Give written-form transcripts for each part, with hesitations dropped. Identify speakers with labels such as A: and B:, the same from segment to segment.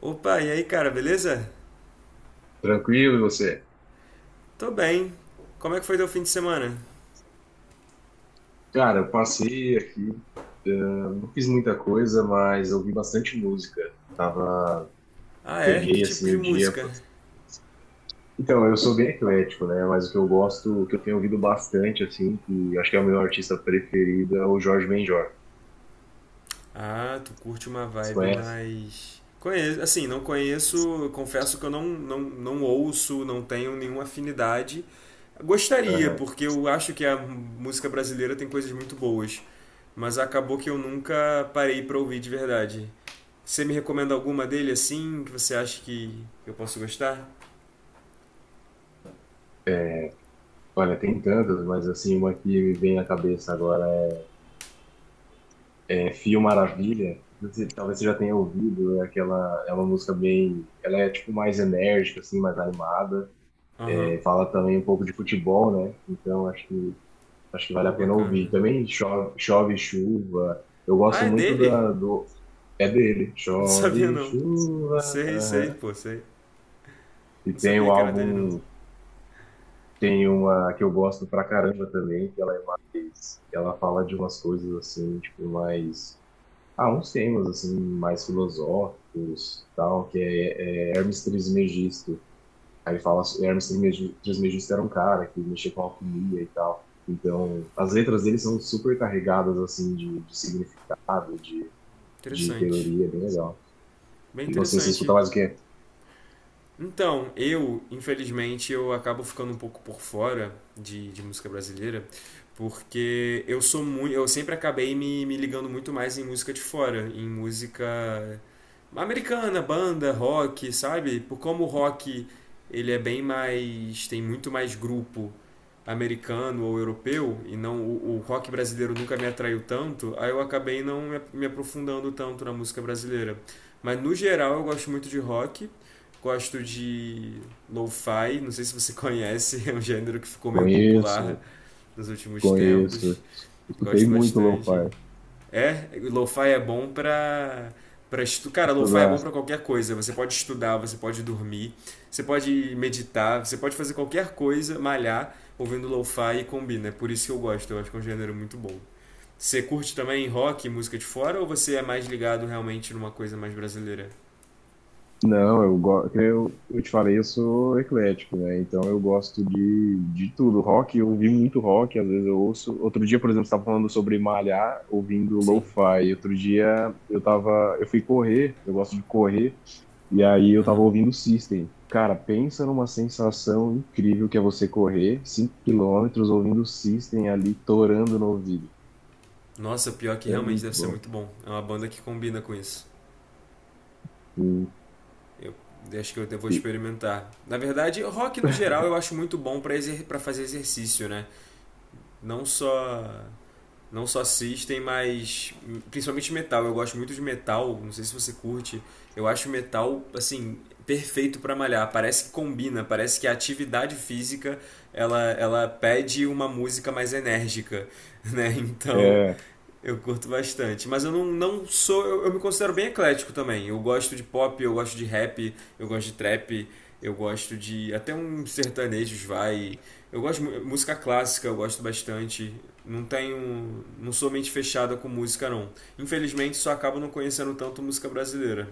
A: Opa, e aí, cara, beleza?
B: Tranquilo, e você?
A: Tô bem. Como é que foi teu fim de semana?
B: Cara, eu passei aqui, eu não fiz muita coisa, mas ouvi bastante música. Tava,
A: Ah, é? Que
B: peguei
A: tipo
B: assim
A: de
B: o dia.
A: música?
B: Pô. Então, eu sou bem eclético, né? Mas o que eu gosto, o que eu tenho ouvido bastante, assim, que acho que é o meu artista preferido, é o Jorge Benjor.
A: Ah, tu curte uma
B: Você
A: vibe
B: conhece?
A: mais. Conheço, assim, não conheço, confesso que eu não ouço, não tenho nenhuma afinidade. Gostaria,
B: Aham.
A: porque eu acho que a música brasileira tem coisas muito boas, mas acabou que eu nunca parei pra ouvir de verdade. Você me recomenda alguma dele assim, que você acha que eu posso gostar?
B: É, Olha, tem tantas, mas assim, uma que me vem à cabeça agora é Fio Maravilha. Talvez você já tenha ouvido, é aquela, é uma música bem, ela é tipo mais enérgica, assim, mais animada.
A: Aham,
B: Fala também um pouco de futebol, né? Então acho que vale
A: pô,
B: a pena
A: bacana.
B: ouvir. Também chove, chove chuva. Eu gosto
A: Ah, é
B: muito
A: dele?
B: da, do é dele.
A: Não sabia
B: Chove
A: não.
B: chuva.
A: Sei, sei,
B: Aham.
A: pô, sei.
B: E
A: Não
B: tem
A: sabia
B: o
A: que era dele não.
B: álbum, tem uma que eu gosto pra caramba também, que ela é mais, ela fala de umas coisas assim, tipo mais uns temas assim mais filosóficos, tal, que é Hermes Trismegisto. Aí fala, Hermes Trismegisto era um cara que mexia com alquimia e tal. Então, as letras dele são super carregadas, assim, de significado, de
A: Interessante.
B: teoria, é bem legal.
A: Bem
B: E você escuta
A: interessante.
B: mais o quê?
A: Então, eu, infelizmente, eu acabo ficando um pouco por fora de música brasileira, porque eu sou muito, eu sempre acabei me ligando muito mais em música de fora, em música americana, banda, rock, sabe? Por como o rock ele é bem mais, tem muito mais grupo americano ou europeu e não o rock brasileiro nunca me atraiu tanto, aí eu acabei não me aprofundando tanto na música brasileira. Mas no geral eu gosto muito de rock. Gosto de lo-fi, não sei se você conhece, é um gênero que ficou meio popular
B: Conheço,
A: nos últimos
B: conheço.
A: tempos.
B: Escutei
A: Gosto
B: muito
A: bastante.
B: lo-fi.
A: É, lo-fi é bom pra para estu... Cara, lo-fi é bom
B: Estudar.
A: para qualquer coisa. Você pode estudar, você pode dormir, você pode meditar, você pode fazer qualquer coisa, malhar, ouvindo lo-fi e combina. É por isso que eu gosto, eu acho que é um gênero muito bom. Você curte também rock, música de fora, ou você é mais ligado realmente numa coisa mais brasileira?
B: Não, eu te falei, eu sou eclético, né? Então eu gosto de tudo. Rock, eu ouvi muito rock, às vezes eu ouço. Outro dia, por exemplo, você estava falando sobre malhar, ouvindo
A: Sim.
B: lo-fi. Outro dia eu tava, eu fui correr, eu gosto de correr, e aí eu tava
A: Aham.
B: ouvindo System. Cara, pensa numa sensação incrível que é você correr 5 km ouvindo System ali torando no ouvido.
A: Nossa, pior é que
B: É
A: realmente
B: muito
A: deve ser
B: bom.
A: muito bom. É uma banda que combina com isso.
B: E-
A: Eu acho que eu até vou
B: e-
A: experimentar. Na verdade, rock no geral eu acho muito bom para exer pra fazer exercício, né? Não só não só assistem, mas principalmente metal. Eu gosto muito de metal, não sei se você curte. Eu acho metal assim perfeito para malhar. Parece que combina, parece que a atividade física ela pede uma música mais enérgica, né? Então,
B: É,
A: eu curto bastante, mas eu não, não sou. Eu me considero bem eclético também. Eu gosto de pop, eu gosto de rap, eu gosto de trap, eu gosto de. Até uns sertanejos vai. Eu gosto de mu- música clássica, eu gosto bastante. Não tenho. Não sou mente fechada com música, não. Infelizmente, só acabo não conhecendo tanto música brasileira.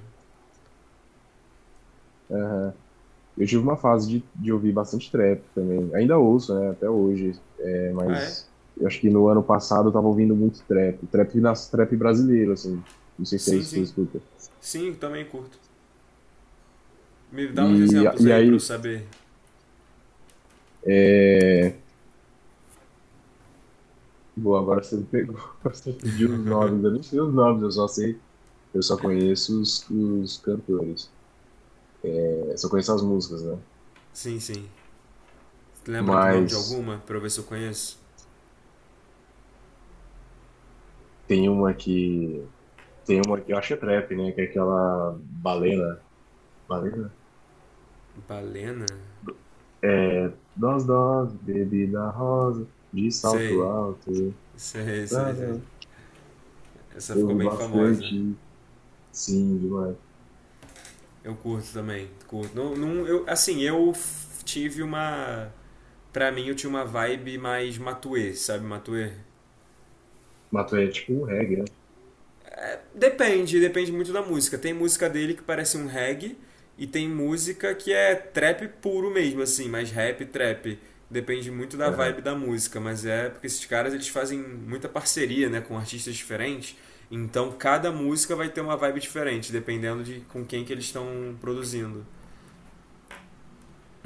B: é, Eu tive uma fase de ouvir bastante trap também. Ainda ouço, né, até hoje. É,
A: Ah, é?
B: mas eu acho que no ano passado eu tava ouvindo muito trap. Trap brasileiro, assim. Não sei se é
A: Sim,
B: isso que você
A: sim.
B: escuta.
A: Sim, também curto. Me dá uns
B: E,
A: exemplos
B: e
A: aí pra eu
B: aí.
A: saber.
B: É... Boa, agora você me pegou. Você pediu os nomes. Eu não sei os nomes, eu só sei. Eu só conheço os cantores. É, só conheço as músicas, né?
A: Sim, sim. Lembra do nome de
B: Mas
A: alguma pra eu ver se eu conheço?
B: tem uma que. Tem uma que eu acho que é trap, né? Que é aquela Balena. Balena?
A: Balena?
B: É, dose, bebida rosa, de salto
A: Sei.
B: alto.
A: Sei, sei, sei.
B: Tará.
A: Essa
B: Eu
A: ficou
B: vi
A: bem famosa.
B: bastante, sim, demais.
A: Eu curto também, curto. Não, não, eu, assim, eu f- tive uma. Pra mim, eu tinha uma vibe mais Matuê, sabe? Matuê?
B: Mato é tipo um reggae, né?
A: Depende, depende muito da música. Tem música dele que parece um reggae e tem música que é trap puro mesmo, assim, mais rap, trap. Depende muito da
B: Aham,
A: vibe da música, mas é porque esses caras eles fazem muita parceria, né, com artistas diferentes. Então cada música vai ter uma vibe diferente, dependendo de com quem que eles estão produzindo.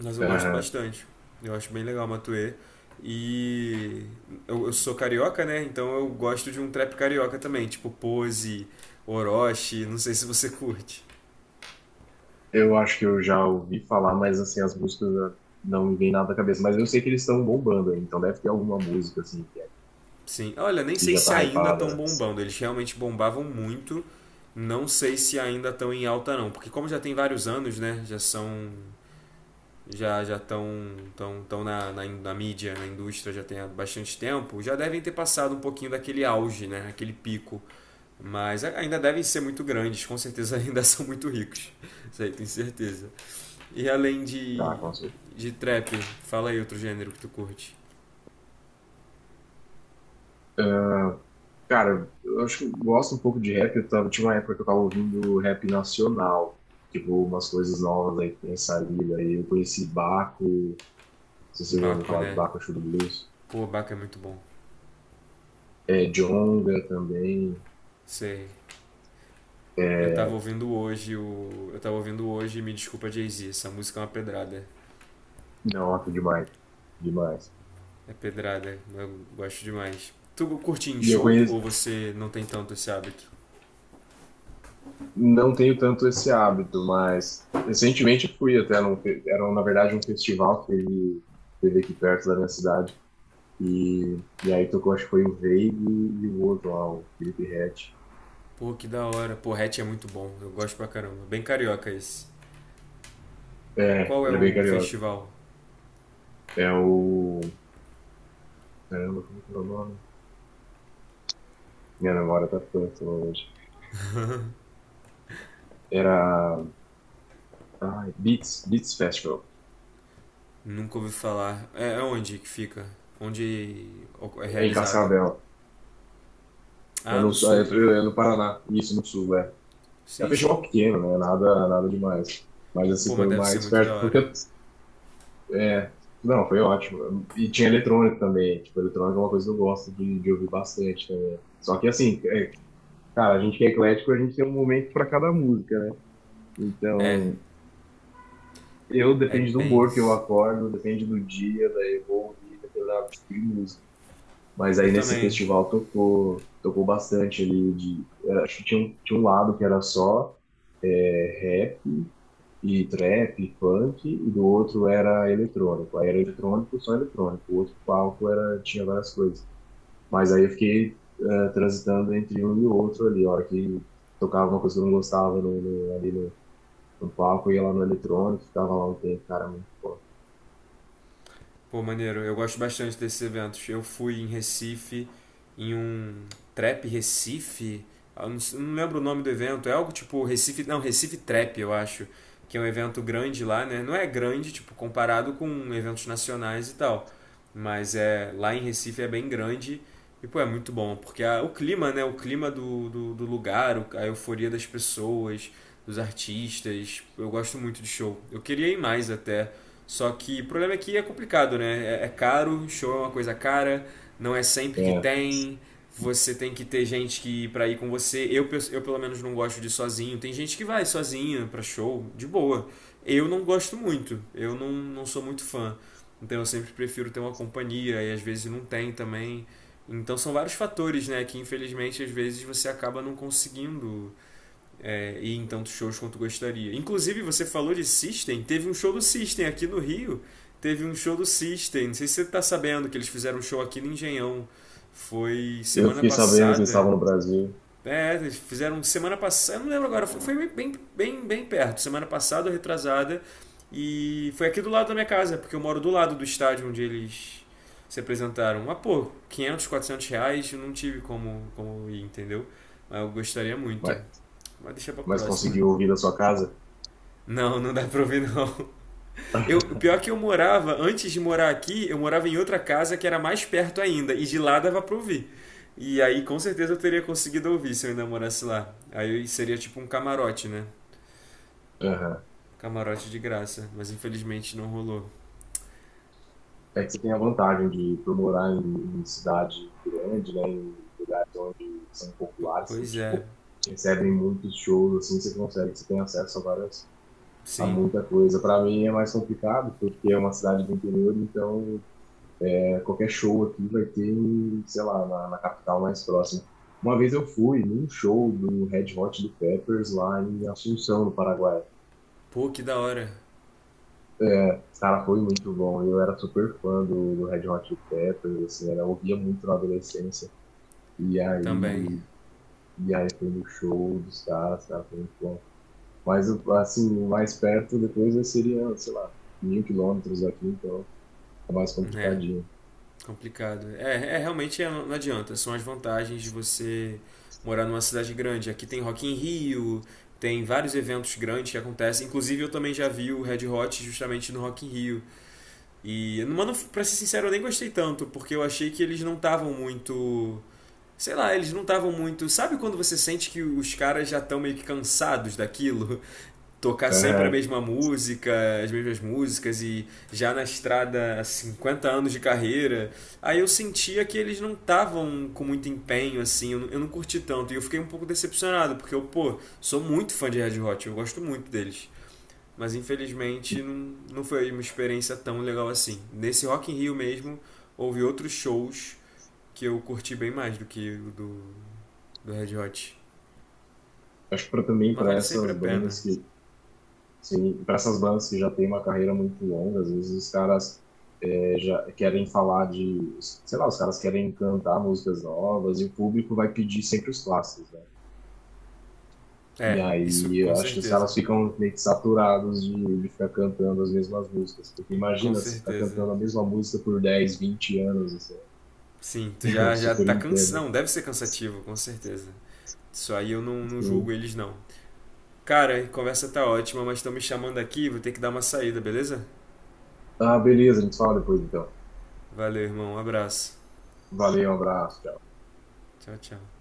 A: Mas eu gosto
B: aham.
A: bastante. Eu acho bem legal o Matuê. E eu sou carioca, né? Então eu gosto de um trap carioca também, tipo Pose, Orochi, não sei se você curte.
B: Eu acho que eu já ouvi falar, mas assim, as músicas né, não me vem nada à cabeça. Mas eu sei que eles estão bombando aí, então deve ter alguma música, assim, que é-
A: Sim, olha, nem
B: que
A: sei
B: já
A: se
B: tá
A: ainda estão
B: hypada.
A: bombando. Eles realmente bombavam muito. Não sei se ainda estão em alta não, porque como já tem vários anos, né? Já são já já estão tão, tão na mídia, na indústria já tem há bastante tempo, já devem ter passado um pouquinho daquele auge, né? Aquele pico. Mas ainda devem ser muito grandes, com certeza ainda são muito ricos. Isso aí, tenho certeza. E além
B: Tá, com certeza.
A: de trap, fala aí outro gênero que tu curte.
B: Cara, eu acho que eu gosto um pouco de rap. Tinha uma época que eu tava ouvindo rap nacional, tipo, umas coisas novas aí que tem saído. Aí eu conheci Baco. Se você já ouviu
A: Baco,
B: falar de
A: né?
B: Bakushu do Blues.
A: Pô, Baco é muito bom.
B: É, Jonga também.
A: Sei. Eu
B: É,
A: tava ouvindo hoje o. Eu tava ouvindo hoje Me Desculpa Jay-Z. Essa música é uma pedrada.
B: nossa, demais. Demais.
A: É pedrada, eu gosto demais. Tu curte em
B: E eu
A: show ou
B: conheço,
A: você não tem tanto esse hábito?
B: não tenho tanto esse hábito, mas recentemente fui até num, era na verdade um festival que teve, teve aqui perto da minha cidade. E aí tocou, acho que foi o Veig e o outro lá, o Felipe Rett.
A: Pô, que da hora. Pô, Hatch é muito bom. Eu gosto pra caramba. Bem carioca esse.
B: É,
A: Qual é
B: ele é bem
A: o
B: carioca.
A: festival?
B: É o. Caramba, como que é o nome? Minha memória tá péssima hoje. Era. Ai, Beats, Beats Festival,
A: Nunca ouvi falar. É, é onde que fica? Onde é
B: é em
A: realizado?
B: Cascavel.
A: Ah, no sul.
B: É, é no Paraná, isso, no sul, é. É um
A: Sim,
B: festival
A: sim.
B: pequeno, né? Nada, nada demais. Mas assim,
A: Pô, mas
B: foi o
A: deve ser
B: mais
A: muito da
B: perto, porque
A: hora.
B: é, não, foi ótimo. E tinha eletrônico também, tipo, eletrônico é uma coisa que eu gosto de ouvir bastante também. Só que assim, cara, a gente que é eclético, a gente tem um momento para cada música, né?
A: É,
B: Então, eu
A: é
B: depende do
A: bem
B: humor que eu
A: isso.
B: acordo, depende do dia, daí eu vou ouvir determinado tipo de música. Mas
A: Eu
B: aí nesse
A: também.
B: festival tocou bastante ali de, acho que tinha um lado que era só rap e trap, e funk, e do outro era eletrônico. Aí era eletrônico, só eletrônico. O outro palco era, tinha várias coisas. Mas aí eu fiquei transitando entre um e o outro ali. A hora que tocava uma coisa que eu não gostava no, no- ali no, no palco, eu ia lá no eletrônico, ficava lá um tempo, cara, muito bom.
A: Pô, maneiro, eu gosto bastante desses eventos. Eu fui em Recife, em um Trap Recife. Eu não, s- não lembro o nome do evento, é algo tipo Recife, não, Recife Trap, eu acho, que é um evento grande lá, né? Não é grande, tipo, comparado com eventos nacionais e tal, mas é lá em Recife é bem grande e, pô, é muito bom, porque a- o clima, né? O clima do lugar, o- a euforia das pessoas, dos artistas, eu gosto muito de show. Eu queria ir mais até, só que o problema é que é complicado, né? É, é caro, show é uma coisa cara, não é sempre que
B: É,
A: tem. Você tem que ter gente que para ir com você. Eu, pe- eu pelo menos não gosto de ir sozinho. Tem gente que vai sozinha pra show, de boa. Eu não gosto muito. Eu não, não sou muito fã. Então eu sempre prefiro ter uma companhia e às vezes não tem também. Então são vários fatores, né, que infelizmente às vezes você acaba não conseguindo ir em tantos shows quanto gostaria. Inclusive, você falou de System, teve um show do System aqui no Rio. Teve um show do System, não sei se você tá sabendo que eles fizeram um show aqui no Engenhão. Foi
B: eu
A: semana
B: fiquei sabendo que eles
A: passada.
B: estavam no Brasil,
A: É, eles fizeram semana passada, eu não lembro agora, foi- foi bem perto, semana passada ou retrasada. E foi aqui do lado da minha casa, porque eu moro do lado do estádio onde eles se apresentaram. Ah, pô, R$ 500 R$ 400, eu não tive como, como ir, entendeu? Mas eu gostaria muito.
B: mas,
A: Mas deixa pra
B: mas
A: próxima.
B: conseguiu ouvir da sua casa?
A: Não, não dá pra ouvir não. Eu, pior é que eu morava, antes de morar aqui, eu morava em outra casa que era mais perto ainda, e de lá dava pra ouvir. E aí com certeza eu teria conseguido ouvir se eu ainda morasse lá. Aí seria tipo um camarote, né?
B: Aham.
A: Camarote de graça, mas infelizmente não rolou.
B: É que você tem a vantagem de, por morar em cidade grande, né, em lugares onde são
A: P-
B: populares, que,
A: pois é,
B: tipo, recebem muitos shows, assim, você consegue, você tem acesso a várias, a
A: sim.
B: muita coisa. Para mim é mais complicado, porque é uma cidade do interior, então é, qualquer show aqui vai ter, sei lá, na capital mais próxima. Uma vez eu fui num show do Red Hot Chili Peppers lá em Assunção, no Paraguai.
A: Pô, que da hora
B: Cara, foi muito bom. Eu era super fã do Red Hot Chili Peppers, assim, era, eu ouvia muito na adolescência. E aí,
A: também,
B: e aí foi no show dos caras, cara, foi muito bom. Mas assim, mais perto depois seria, sei lá, 1.000 km daqui, então é mais
A: né?
B: complicadinho.
A: Complicado. É, é realmente é, não adianta. São as vantagens de você morar numa cidade grande. Aqui tem Rock in Rio, tem vários eventos grandes que acontecem. Inclusive eu também já vi o Red Hot justamente no Rock in Rio. E, mano, pra ser sincero, eu nem gostei tanto, porque eu achei que eles não estavam muito sei lá, eles não estavam muito. Sabe quando você sente que os caras já estão meio que cansados daquilo? Tocar sempre a
B: É,
A: mesma música, as mesmas músicas e já na estrada há 50 anos de carreira, aí eu sentia que eles não estavam com muito empenho, assim, eu não curti tanto e eu fiquei um pouco decepcionado, porque eu, pô, sou muito fã de Red Hot, eu gosto muito deles. Mas infelizmente
B: e
A: não, não foi uma experiência tão legal assim. Nesse Rock in Rio mesmo, houve outros shows que eu curti bem mais do que o do Red Hot.
B: acho que pra, também
A: Mas
B: para
A: vale sempre a
B: essas
A: pena.
B: bandas que, sim, para essas bandas que já têm uma carreira muito longa, às vezes os caras é, já querem falar de, sei lá, os caras querem cantar músicas novas e o público vai pedir sempre os clássicos, né? E
A: É, isso
B: aí,
A: com
B: eu acho que os
A: certeza.
B: caras ficam meio que saturados de ficar cantando as mesmas músicas. Porque
A: Com
B: imagina você ficar
A: certeza.
B: cantando a mesma música por 10, 20 anos, assim.
A: Sim, tu
B: Eu
A: já
B: super
A: tá cansado.
B: entendo.
A: Não, deve ser cansativo, com certeza. Isso aí eu não, não julgo
B: Sim.
A: eles, não. Cara, a conversa tá ótima, mas estão me chamando aqui, vou ter que dar uma saída, beleza?
B: Ah, beleza, a gente fala depois então.
A: Valeu, irmão. Um abraço.
B: Valeu, um abraço, tchau.
A: Tchau, tchau.